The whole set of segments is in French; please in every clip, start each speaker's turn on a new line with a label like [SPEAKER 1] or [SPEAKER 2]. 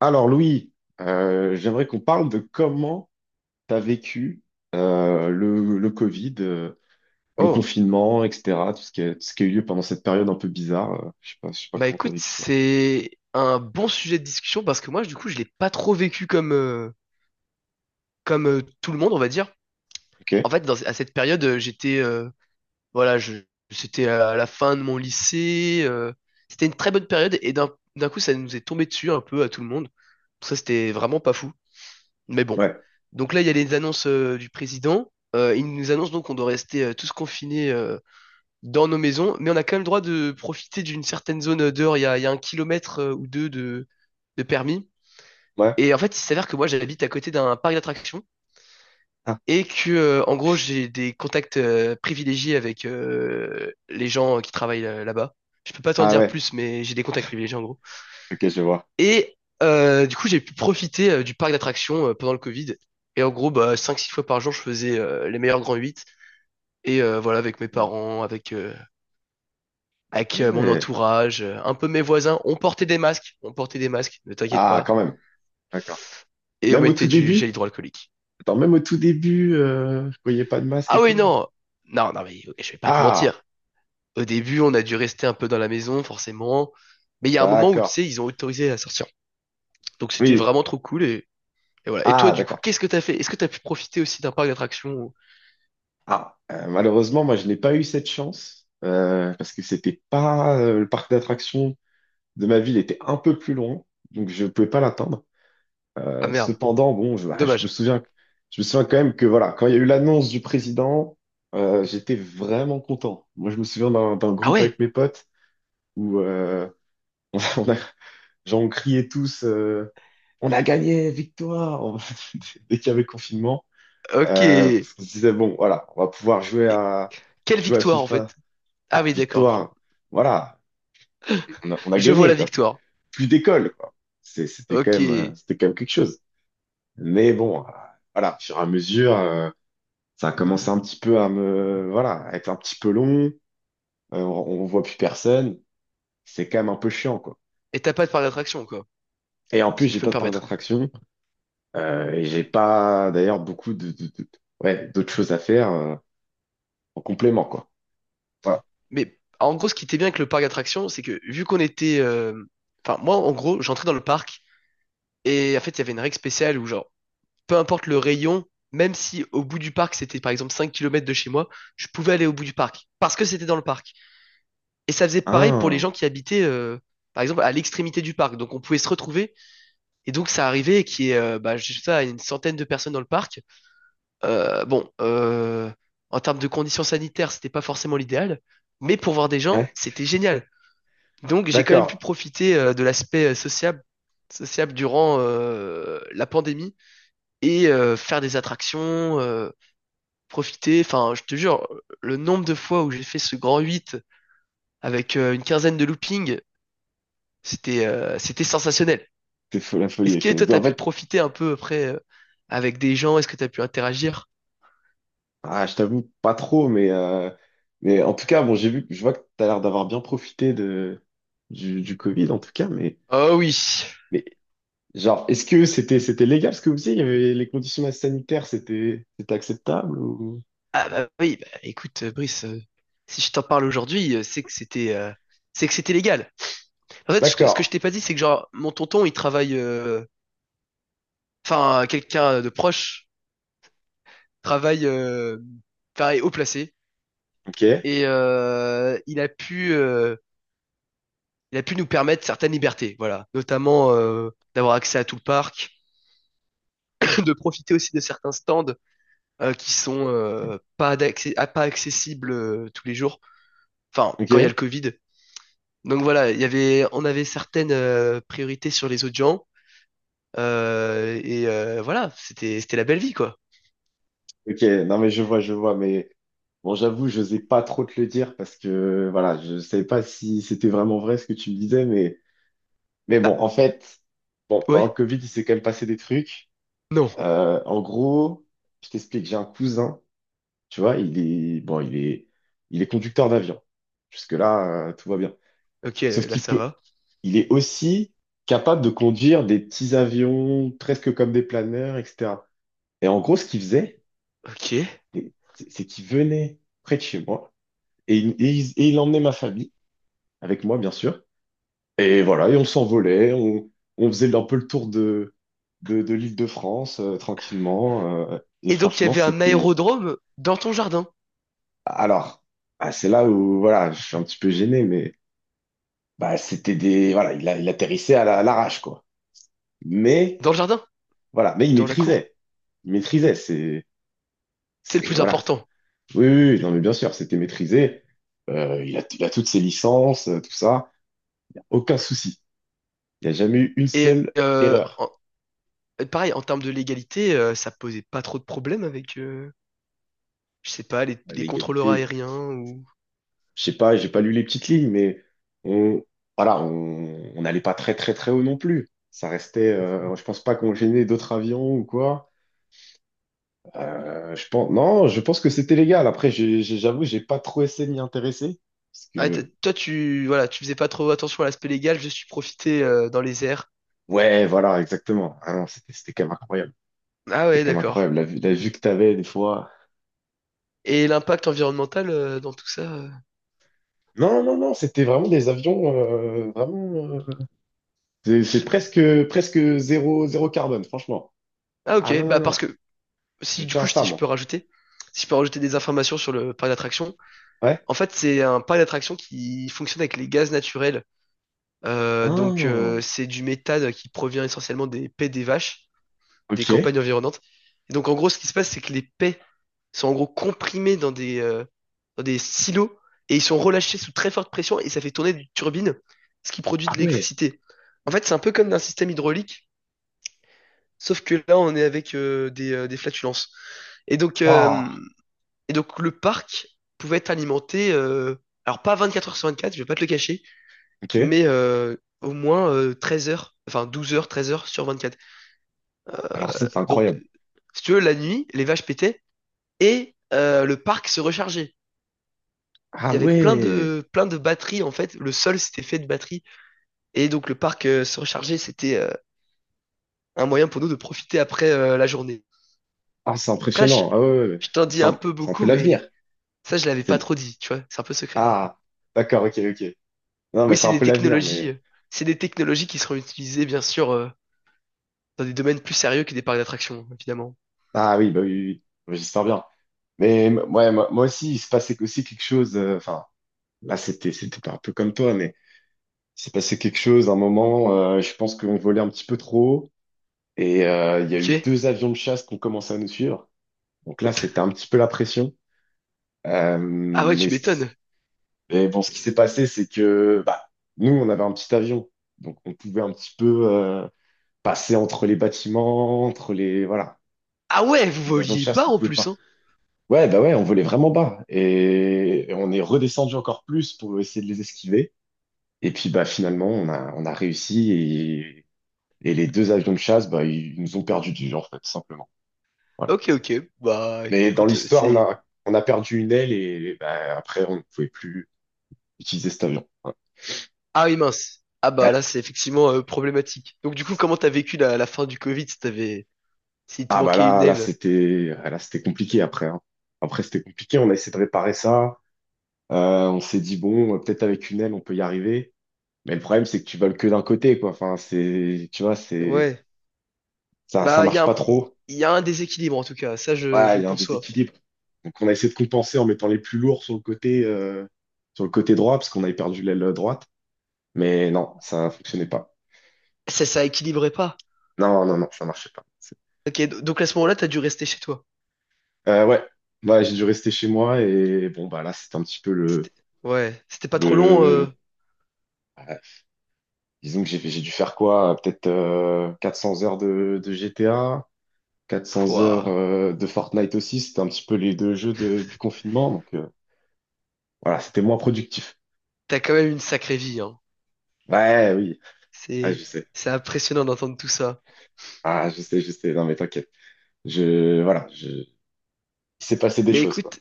[SPEAKER 1] Alors Louis, j'aimerais qu'on parle de comment tu as vécu le Covid, le
[SPEAKER 2] Oh,
[SPEAKER 1] confinement, etc. Tout ce qui a, tout ce qui a eu lieu pendant cette période un peu bizarre. Je sais pas, je sais pas
[SPEAKER 2] bah
[SPEAKER 1] comment tu as
[SPEAKER 2] écoute,
[SPEAKER 1] vécu ça.
[SPEAKER 2] c'est un bon sujet de discussion parce que moi, du coup, je l'ai pas trop vécu comme tout le monde, on va dire. En
[SPEAKER 1] Ok?
[SPEAKER 2] fait, à cette période, j'étais voilà, je c'était à la fin de mon lycée. C'était une très bonne période et d'un coup, ça nous est tombé dessus un peu à tout le monde. Donc ça, c'était vraiment pas fou. Mais bon.
[SPEAKER 1] Ouais.
[SPEAKER 2] Donc là, il y a les annonces du président. Il nous annonce donc qu'on doit rester tous confinés dans nos maisons, mais on a quand même le droit de profiter d'une certaine zone dehors. Il y a un kilomètre ou deux de permis.
[SPEAKER 1] Ouais.
[SPEAKER 2] Et en fait, il s'avère que moi, j'habite à côté d'un parc d'attractions
[SPEAKER 1] Ah,
[SPEAKER 2] et que, en gros, j'ai des contacts privilégiés avec les gens qui travaillent là-bas. Je peux pas t'en
[SPEAKER 1] ah
[SPEAKER 2] dire
[SPEAKER 1] ouais.
[SPEAKER 2] plus, mais j'ai des contacts privilégiés en gros.
[SPEAKER 1] Ok, je vois.
[SPEAKER 2] Et du coup, j'ai pu profiter du parc d'attractions pendant le Covid. Et en gros, bah, 5-6 fois par jour, je faisais les meilleurs grands huit. Et voilà, avec mes
[SPEAKER 1] Ouais.
[SPEAKER 2] parents, avec euh,
[SPEAKER 1] Ah
[SPEAKER 2] avec euh, mon
[SPEAKER 1] ouais.
[SPEAKER 2] entourage, un peu mes voisins. On portait des masques, on portait des masques, ne t'inquiète
[SPEAKER 1] Ah,
[SPEAKER 2] pas.
[SPEAKER 1] quand même. D'accord.
[SPEAKER 2] Et on
[SPEAKER 1] Même au tout
[SPEAKER 2] mettait du gel
[SPEAKER 1] début?
[SPEAKER 2] hydroalcoolique.
[SPEAKER 1] Attends, même au tout début, je voyais pas de masque
[SPEAKER 2] Ah
[SPEAKER 1] et
[SPEAKER 2] oui,
[SPEAKER 1] tout.
[SPEAKER 2] non, mais ok, je vais pas te
[SPEAKER 1] Ah,
[SPEAKER 2] mentir. Au début, on a dû rester un peu dans la maison, forcément. Mais il y a un moment où, tu
[SPEAKER 1] d'accord.
[SPEAKER 2] sais, ils ont autorisé à sortir. Donc c'était
[SPEAKER 1] Oui.
[SPEAKER 2] vraiment trop cool. Et voilà. Et toi,
[SPEAKER 1] Ah,
[SPEAKER 2] du coup,
[SPEAKER 1] d'accord.
[SPEAKER 2] qu'est-ce que t'as fait? Est-ce que t'as pu profiter aussi d'un parc d'attractions?
[SPEAKER 1] Ah, malheureusement, moi, je n'ai pas eu cette chance parce que c'était pas le parc d'attractions de ma ville était un peu plus loin, donc je ne pouvais pas l'atteindre.
[SPEAKER 2] Ah merde,
[SPEAKER 1] Cependant, bon, je, bah,
[SPEAKER 2] dommage.
[SPEAKER 1] je me souviens quand même que voilà, quand il y a eu l'annonce du président, j'étais vraiment content. Moi, je me souviens d'un
[SPEAKER 2] Ah
[SPEAKER 1] groupe avec
[SPEAKER 2] ouais,
[SPEAKER 1] mes potes où on a, genre, on criait tous, on a gagné, victoire, dès qu'il y avait confinement.
[SPEAKER 2] ok.
[SPEAKER 1] Euh,
[SPEAKER 2] Et
[SPEAKER 1] on se disait bon, voilà, on va pouvoir
[SPEAKER 2] quelle
[SPEAKER 1] jouer à
[SPEAKER 2] victoire, en
[SPEAKER 1] FIFA,
[SPEAKER 2] fait. Ah
[SPEAKER 1] bah,
[SPEAKER 2] oui, d'accord.
[SPEAKER 1] victoire, voilà, on a
[SPEAKER 2] Je vois la
[SPEAKER 1] gagné, quoi. Plus,
[SPEAKER 2] victoire.
[SPEAKER 1] plus d'école, quoi.
[SPEAKER 2] Ok. Et
[SPEAKER 1] C'était quand même quelque chose. Mais bon, voilà, au fur et à mesure, ça a commencé un petit peu à me, voilà, à être un petit peu long. On voit plus personne. C'est quand même un peu chiant, quoi.
[SPEAKER 2] t'as pas de parc d'attractions, quoi,
[SPEAKER 1] Et en plus,
[SPEAKER 2] si je
[SPEAKER 1] j'ai
[SPEAKER 2] peux
[SPEAKER 1] pas
[SPEAKER 2] me
[SPEAKER 1] de parc
[SPEAKER 2] permettre.
[SPEAKER 1] d'attraction. Et j'ai pas, d'ailleurs, beaucoup de, ouais, d'autres choses à faire, en complément, quoi. Voilà.
[SPEAKER 2] Mais en gros, ce qui était bien avec le parc d'attractions, c'est que vu qu'on était... Enfin, moi, en gros, j'entrais dans le parc et en fait, il y avait une règle spéciale où, genre, peu importe le rayon, même si au bout du parc, c'était par exemple 5 kilomètres de chez moi, je pouvais aller au bout du parc parce que c'était dans le parc. Et ça faisait pareil pour les
[SPEAKER 1] Ah,
[SPEAKER 2] gens qui habitaient, par exemple, à l'extrémité du parc. Donc, on pouvait se retrouver. Et donc, ça arrivait qu'il y ait, bah, je sais pas, une centaine de personnes dans le parc. Bon, en termes de conditions sanitaires, c'était pas forcément l'idéal. Mais pour voir des gens,
[SPEAKER 1] ouais,
[SPEAKER 2] c'était génial. Donc j'ai quand même pu
[SPEAKER 1] d'accord.
[SPEAKER 2] profiter de l'aspect sociable durant la pandémie et faire des attractions, profiter. Enfin, je te jure, le nombre de fois où j'ai fait ce grand 8 avec une quinzaine de loopings, c'était sensationnel.
[SPEAKER 1] La folie,
[SPEAKER 2] Est-ce que
[SPEAKER 1] ok.
[SPEAKER 2] toi,
[SPEAKER 1] Donc,
[SPEAKER 2] t'as
[SPEAKER 1] en
[SPEAKER 2] pu
[SPEAKER 1] fait,
[SPEAKER 2] profiter un peu après avec des gens? Est-ce que t'as pu interagir?
[SPEAKER 1] ah, je t'avoue, pas trop, mais en tout cas, bon, j'ai vu, je vois que t'as l'air d'avoir bien profité de, du Covid, en tout cas,
[SPEAKER 2] Oh oui.
[SPEAKER 1] mais genre, est-ce que c'était, c'était légal ce que vous faisiez? Il y avait les conditions sanitaires, c'était, c'était acceptable ou...
[SPEAKER 2] Ah bah oui, bah, écoute, Brice, si je t'en parle aujourd'hui, c'est que c'était légal. En fait, ce que
[SPEAKER 1] D'accord,
[SPEAKER 2] je t'ai pas dit, c'est que genre, mon tonton, il travaille, enfin, quelqu'un de proche travaille, pareil, haut placé.
[SPEAKER 1] ok,
[SPEAKER 2] Et il a pu nous permettre certaines libertés, voilà. Notamment d'avoir accès à tout le parc, de profiter aussi de certains stands qui sont pas d'accès, ah, pas accessibles tous les jours. Enfin,
[SPEAKER 1] ok,
[SPEAKER 2] quand il y a le Covid. Donc voilà, on avait certaines priorités sur les autres gens. Et voilà, c'était la belle vie, quoi.
[SPEAKER 1] ok, non, mais je vois, mais bon, j'avoue, je n'osais pas trop te le dire parce que, voilà, je savais pas si c'était vraiment vrai ce que tu me disais, mais bon, en
[SPEAKER 2] Bah,
[SPEAKER 1] fait, bon, pendant
[SPEAKER 2] ouais.
[SPEAKER 1] le Covid, il s'est quand même passé des trucs.
[SPEAKER 2] Non.
[SPEAKER 1] En gros, je t'explique, j'ai un cousin, tu vois, il est, bon, il est conducteur d'avion. Jusque-là, tout va bien.
[SPEAKER 2] Ok,
[SPEAKER 1] Sauf
[SPEAKER 2] là
[SPEAKER 1] qu'il
[SPEAKER 2] ça
[SPEAKER 1] peut,
[SPEAKER 2] va.
[SPEAKER 1] il est aussi capable de conduire des petits avions, presque comme des planeurs, etc. Et en gros, ce qu'il faisait,
[SPEAKER 2] Ok.
[SPEAKER 1] c'est qu'il venait près de chez moi et il, et il emmenait ma famille, avec moi, bien sûr. Et voilà, et on s'envolait, on faisait un peu le tour de l'Île-de-France, tranquillement. Et
[SPEAKER 2] Et donc il y
[SPEAKER 1] franchement,
[SPEAKER 2] avait un
[SPEAKER 1] c'était...
[SPEAKER 2] aérodrome dans ton jardin.
[SPEAKER 1] Alors, ah, c'est là où voilà, je suis un petit peu gêné, mais bah, c'était des voilà, il, il atterrissait à l'arrache quoi. Mais
[SPEAKER 2] Dans le jardin,
[SPEAKER 1] voilà, mais il
[SPEAKER 2] dans la cour.
[SPEAKER 1] maîtrisait, il maîtrisait.
[SPEAKER 2] C'est le
[SPEAKER 1] C'est
[SPEAKER 2] plus
[SPEAKER 1] voilà.
[SPEAKER 2] important.
[SPEAKER 1] Oui, oui, oui, non mais bien sûr, c'était maîtrisé. Il a toutes ses licences, tout ça, aucun souci. Il n'y a jamais eu une
[SPEAKER 2] Et
[SPEAKER 1] seule
[SPEAKER 2] euh,
[SPEAKER 1] erreur.
[SPEAKER 2] en- Pareil, en termes de légalité, ça posait pas trop de problèmes avec, je sais pas, les contrôleurs
[SPEAKER 1] L'égalité,
[SPEAKER 2] aériens ou...
[SPEAKER 1] je sais pas, j'ai pas lu les petites lignes, mais on voilà, on n'allait pas très très très haut non plus. Ça restait, je pense pas qu'on gênait d'autres avions ou quoi. Je pense, non, je pense que c'était légal. Après, j'avoue, j'ai pas trop essayé de m'y intéresser. Parce
[SPEAKER 2] Ah,
[SPEAKER 1] que,
[SPEAKER 2] toi, tu, voilà, tu faisais pas trop attention à l'aspect légal, je suis profité dans les airs.
[SPEAKER 1] ouais, voilà, exactement. Ah non, c'était c'était quand même incroyable.
[SPEAKER 2] Ah
[SPEAKER 1] C'était
[SPEAKER 2] ouais,
[SPEAKER 1] quand même
[SPEAKER 2] d'accord.
[SPEAKER 1] incroyable. La, la vue que t'avais, des fois.
[SPEAKER 2] Et l'impact environnemental dans tout ça.
[SPEAKER 1] Non, non, non, c'était vraiment des avions, vraiment. euh, c'est presque, presque zéro, zéro carbone, franchement.
[SPEAKER 2] Ah
[SPEAKER 1] Ah
[SPEAKER 2] ok,
[SPEAKER 1] non, non,
[SPEAKER 2] bah parce
[SPEAKER 1] non.
[SPEAKER 2] que
[SPEAKER 1] Je
[SPEAKER 2] si du
[SPEAKER 1] tiens
[SPEAKER 2] coup,
[SPEAKER 1] à ça,
[SPEAKER 2] si je peux
[SPEAKER 1] moi.
[SPEAKER 2] rajouter, si je peux rajouter des informations sur le parc d'attraction.
[SPEAKER 1] Ouais.
[SPEAKER 2] En fait, c'est un parc d'attractions qui fonctionne avec les gaz naturels. Donc,
[SPEAKER 1] Ah,
[SPEAKER 2] c'est du méthane qui provient essentiellement des paies des vaches, des
[SPEAKER 1] ok.
[SPEAKER 2] campagnes environnantes. Et donc, en gros, ce qui se passe, c'est que les paies sont en gros comprimés dans des silos et ils sont relâchés sous très forte pression et ça fait tourner des turbines, ce qui produit de
[SPEAKER 1] Ah ouais.
[SPEAKER 2] l'électricité. En fait, c'est un peu comme d'un système hydraulique, sauf que là, on est avec des flatulences. Et donc, euh,
[SPEAKER 1] Waouh.
[SPEAKER 2] et donc, le parc pouvait être alimenté, alors pas 24 heures sur 24, je vais pas te le cacher,
[SPEAKER 1] Ok.
[SPEAKER 2] mais au moins 13 heures, enfin 12 heures, 13 heures sur 24.
[SPEAKER 1] Alors ça, c'est
[SPEAKER 2] Donc,
[SPEAKER 1] incroyable.
[SPEAKER 2] si tu veux, la nuit, les vaches pétaient et le parc se rechargeait. Il
[SPEAKER 1] Ah
[SPEAKER 2] y avait
[SPEAKER 1] ouais.
[SPEAKER 2] plein de batteries en fait. Le sol s'était fait de batteries et donc le parc se rechargeait. C'était un moyen pour nous de profiter après la journée.
[SPEAKER 1] Ah, c'est
[SPEAKER 2] Après,
[SPEAKER 1] impressionnant. Ah ouais. Ouais, ouais.
[SPEAKER 2] je t'en dis un peu
[SPEAKER 1] C'est un
[SPEAKER 2] beaucoup,
[SPEAKER 1] peu
[SPEAKER 2] mais
[SPEAKER 1] l'avenir.
[SPEAKER 2] ça, je l'avais pas
[SPEAKER 1] C'est
[SPEAKER 2] trop dit, tu vois. C'est un peu secret.
[SPEAKER 1] ah, d'accord, ok, ok. Non,
[SPEAKER 2] Oui,
[SPEAKER 1] mais c'est un peu l'avenir, mais...
[SPEAKER 2] c'est des technologies qui seront utilisées bien sûr dans des domaines plus sérieux que des parcs d'attractions, évidemment.
[SPEAKER 1] Ah oui, bah oui, oui, oui. J'espère bien. Mais ouais, moi, moi aussi, il se passait aussi quelque chose... enfin, là, c'était c'était pas un peu comme toi, mais il s'est passé quelque chose, un moment, je pense qu'on volait un petit peu trop haut, et il y a
[SPEAKER 2] Ok.
[SPEAKER 1] eu deux avions de chasse qui ont commencé à nous suivre. Donc là, c'était un petit peu la pression.
[SPEAKER 2] Ah ouais,
[SPEAKER 1] Mais,
[SPEAKER 2] tu
[SPEAKER 1] ce qui...
[SPEAKER 2] m'étonnes.
[SPEAKER 1] mais bon, ce qui s'est passé, c'est que bah, nous, on avait un petit avion, donc on pouvait un petit peu passer entre les bâtiments, entre les... Voilà.
[SPEAKER 2] Ah ouais, vous
[SPEAKER 1] Les avions de
[SPEAKER 2] voliez bas
[SPEAKER 1] chasse ne
[SPEAKER 2] en
[SPEAKER 1] pouvaient
[SPEAKER 2] plus,
[SPEAKER 1] pas.
[SPEAKER 2] hein?
[SPEAKER 1] Ouais, bah ouais, on volait vraiment bas. Et on est redescendu encore plus pour essayer de les esquiver. Et puis bah finalement, on a réussi. Et les deux avions de chasse, bah, ils nous ont perdu du genre, en fait, simplement. Voilà.
[SPEAKER 2] Ok, ok. Bah,
[SPEAKER 1] Mais dans
[SPEAKER 2] écoute,
[SPEAKER 1] l'histoire,
[SPEAKER 2] c'est...
[SPEAKER 1] on a perdu une aile et bah, après, on ne pouvait plus utiliser cet avion. Voilà.
[SPEAKER 2] Ah oui, mince. Ah bah là,
[SPEAKER 1] Ouais.
[SPEAKER 2] c'est effectivement problématique. Donc du coup, comment t'as vécu la, la fin du Covid si t'avais... s'il te
[SPEAKER 1] Ah bah
[SPEAKER 2] manquait une
[SPEAKER 1] là,
[SPEAKER 2] aile?
[SPEAKER 1] là, c'était compliqué après. Hein. Après, c'était compliqué. On a essayé de réparer ça. On s'est dit, bon, peut-être avec une aile, on peut y arriver. Mais le problème, c'est que tu voles que d'un côté, quoi. Enfin, c'est, tu vois, c'est,
[SPEAKER 2] Ouais.
[SPEAKER 1] ça
[SPEAKER 2] Bah, il y a
[SPEAKER 1] marche
[SPEAKER 2] un...
[SPEAKER 1] pas trop.
[SPEAKER 2] il y a un déséquilibre, en tout cas. Ça, je
[SPEAKER 1] Ouais,
[SPEAKER 2] le
[SPEAKER 1] il y a un
[SPEAKER 2] conçois.
[SPEAKER 1] déséquilibre. Donc, on a essayé de compenser en mettant les plus lourds sur le côté droit, parce qu'on avait perdu l'aile droite. Mais non, ça fonctionnait pas.
[SPEAKER 2] Ça équilibrait pas.
[SPEAKER 1] Non, non, non, ça marchait pas. C'est-
[SPEAKER 2] Ok, donc à ce moment-là, t'as dû rester chez toi.
[SPEAKER 1] Ouais, ouais, j'ai dû rester chez moi et bon, bah là, c'était un petit peu
[SPEAKER 2] C'était... Ouais. C'était pas trop long,
[SPEAKER 1] le, euh, disons que j'ai dû faire quoi? Peut-être 400 heures de GTA. 400 heures
[SPEAKER 2] Pouah.
[SPEAKER 1] de Fortnite aussi, c'était un petit peu les deux jeux du confinement, donc voilà, c'était moins productif.
[SPEAKER 2] T'as quand même une sacrée vie, hein.
[SPEAKER 1] Ouais, oui, ah, je
[SPEAKER 2] C'est...
[SPEAKER 1] sais,
[SPEAKER 2] C'est impressionnant d'entendre tout ça.
[SPEAKER 1] ah, je sais, non mais t'inquiète, je, voilà, je... il s'est passé des
[SPEAKER 2] Mais
[SPEAKER 1] choses, quoi.
[SPEAKER 2] écoute,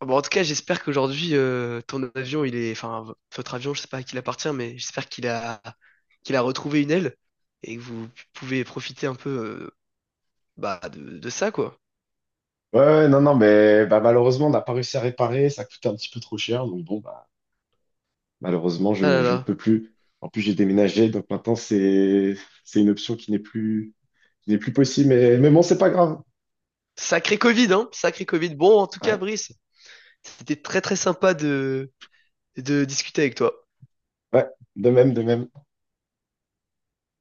[SPEAKER 2] bon, en tout cas, j'espère qu'aujourd'hui, ton avion, il est, enfin, votre avion, je sais pas à qui il appartient, mais j'espère qu'il a, qu'il a retrouvé une aile et que vous pouvez profiter un peu, bah, de ça, quoi.
[SPEAKER 1] Ouais, ouais, non, non, mais bah, malheureusement, on n'a pas réussi à réparer, ça coûtait un petit peu trop cher, donc bon, bah, malheureusement,
[SPEAKER 2] Ah là
[SPEAKER 1] je ne
[SPEAKER 2] là.
[SPEAKER 1] peux plus. En plus, j'ai déménagé, donc maintenant, c'est une option qui n'est plus possible, mais bon, c'est pas grave.
[SPEAKER 2] Sacré Covid, hein, sacré Covid. Bon, en tout cas,
[SPEAKER 1] Ouais,
[SPEAKER 2] Brice, c'était très très sympa de discuter avec toi.
[SPEAKER 1] ouais, de même, de même.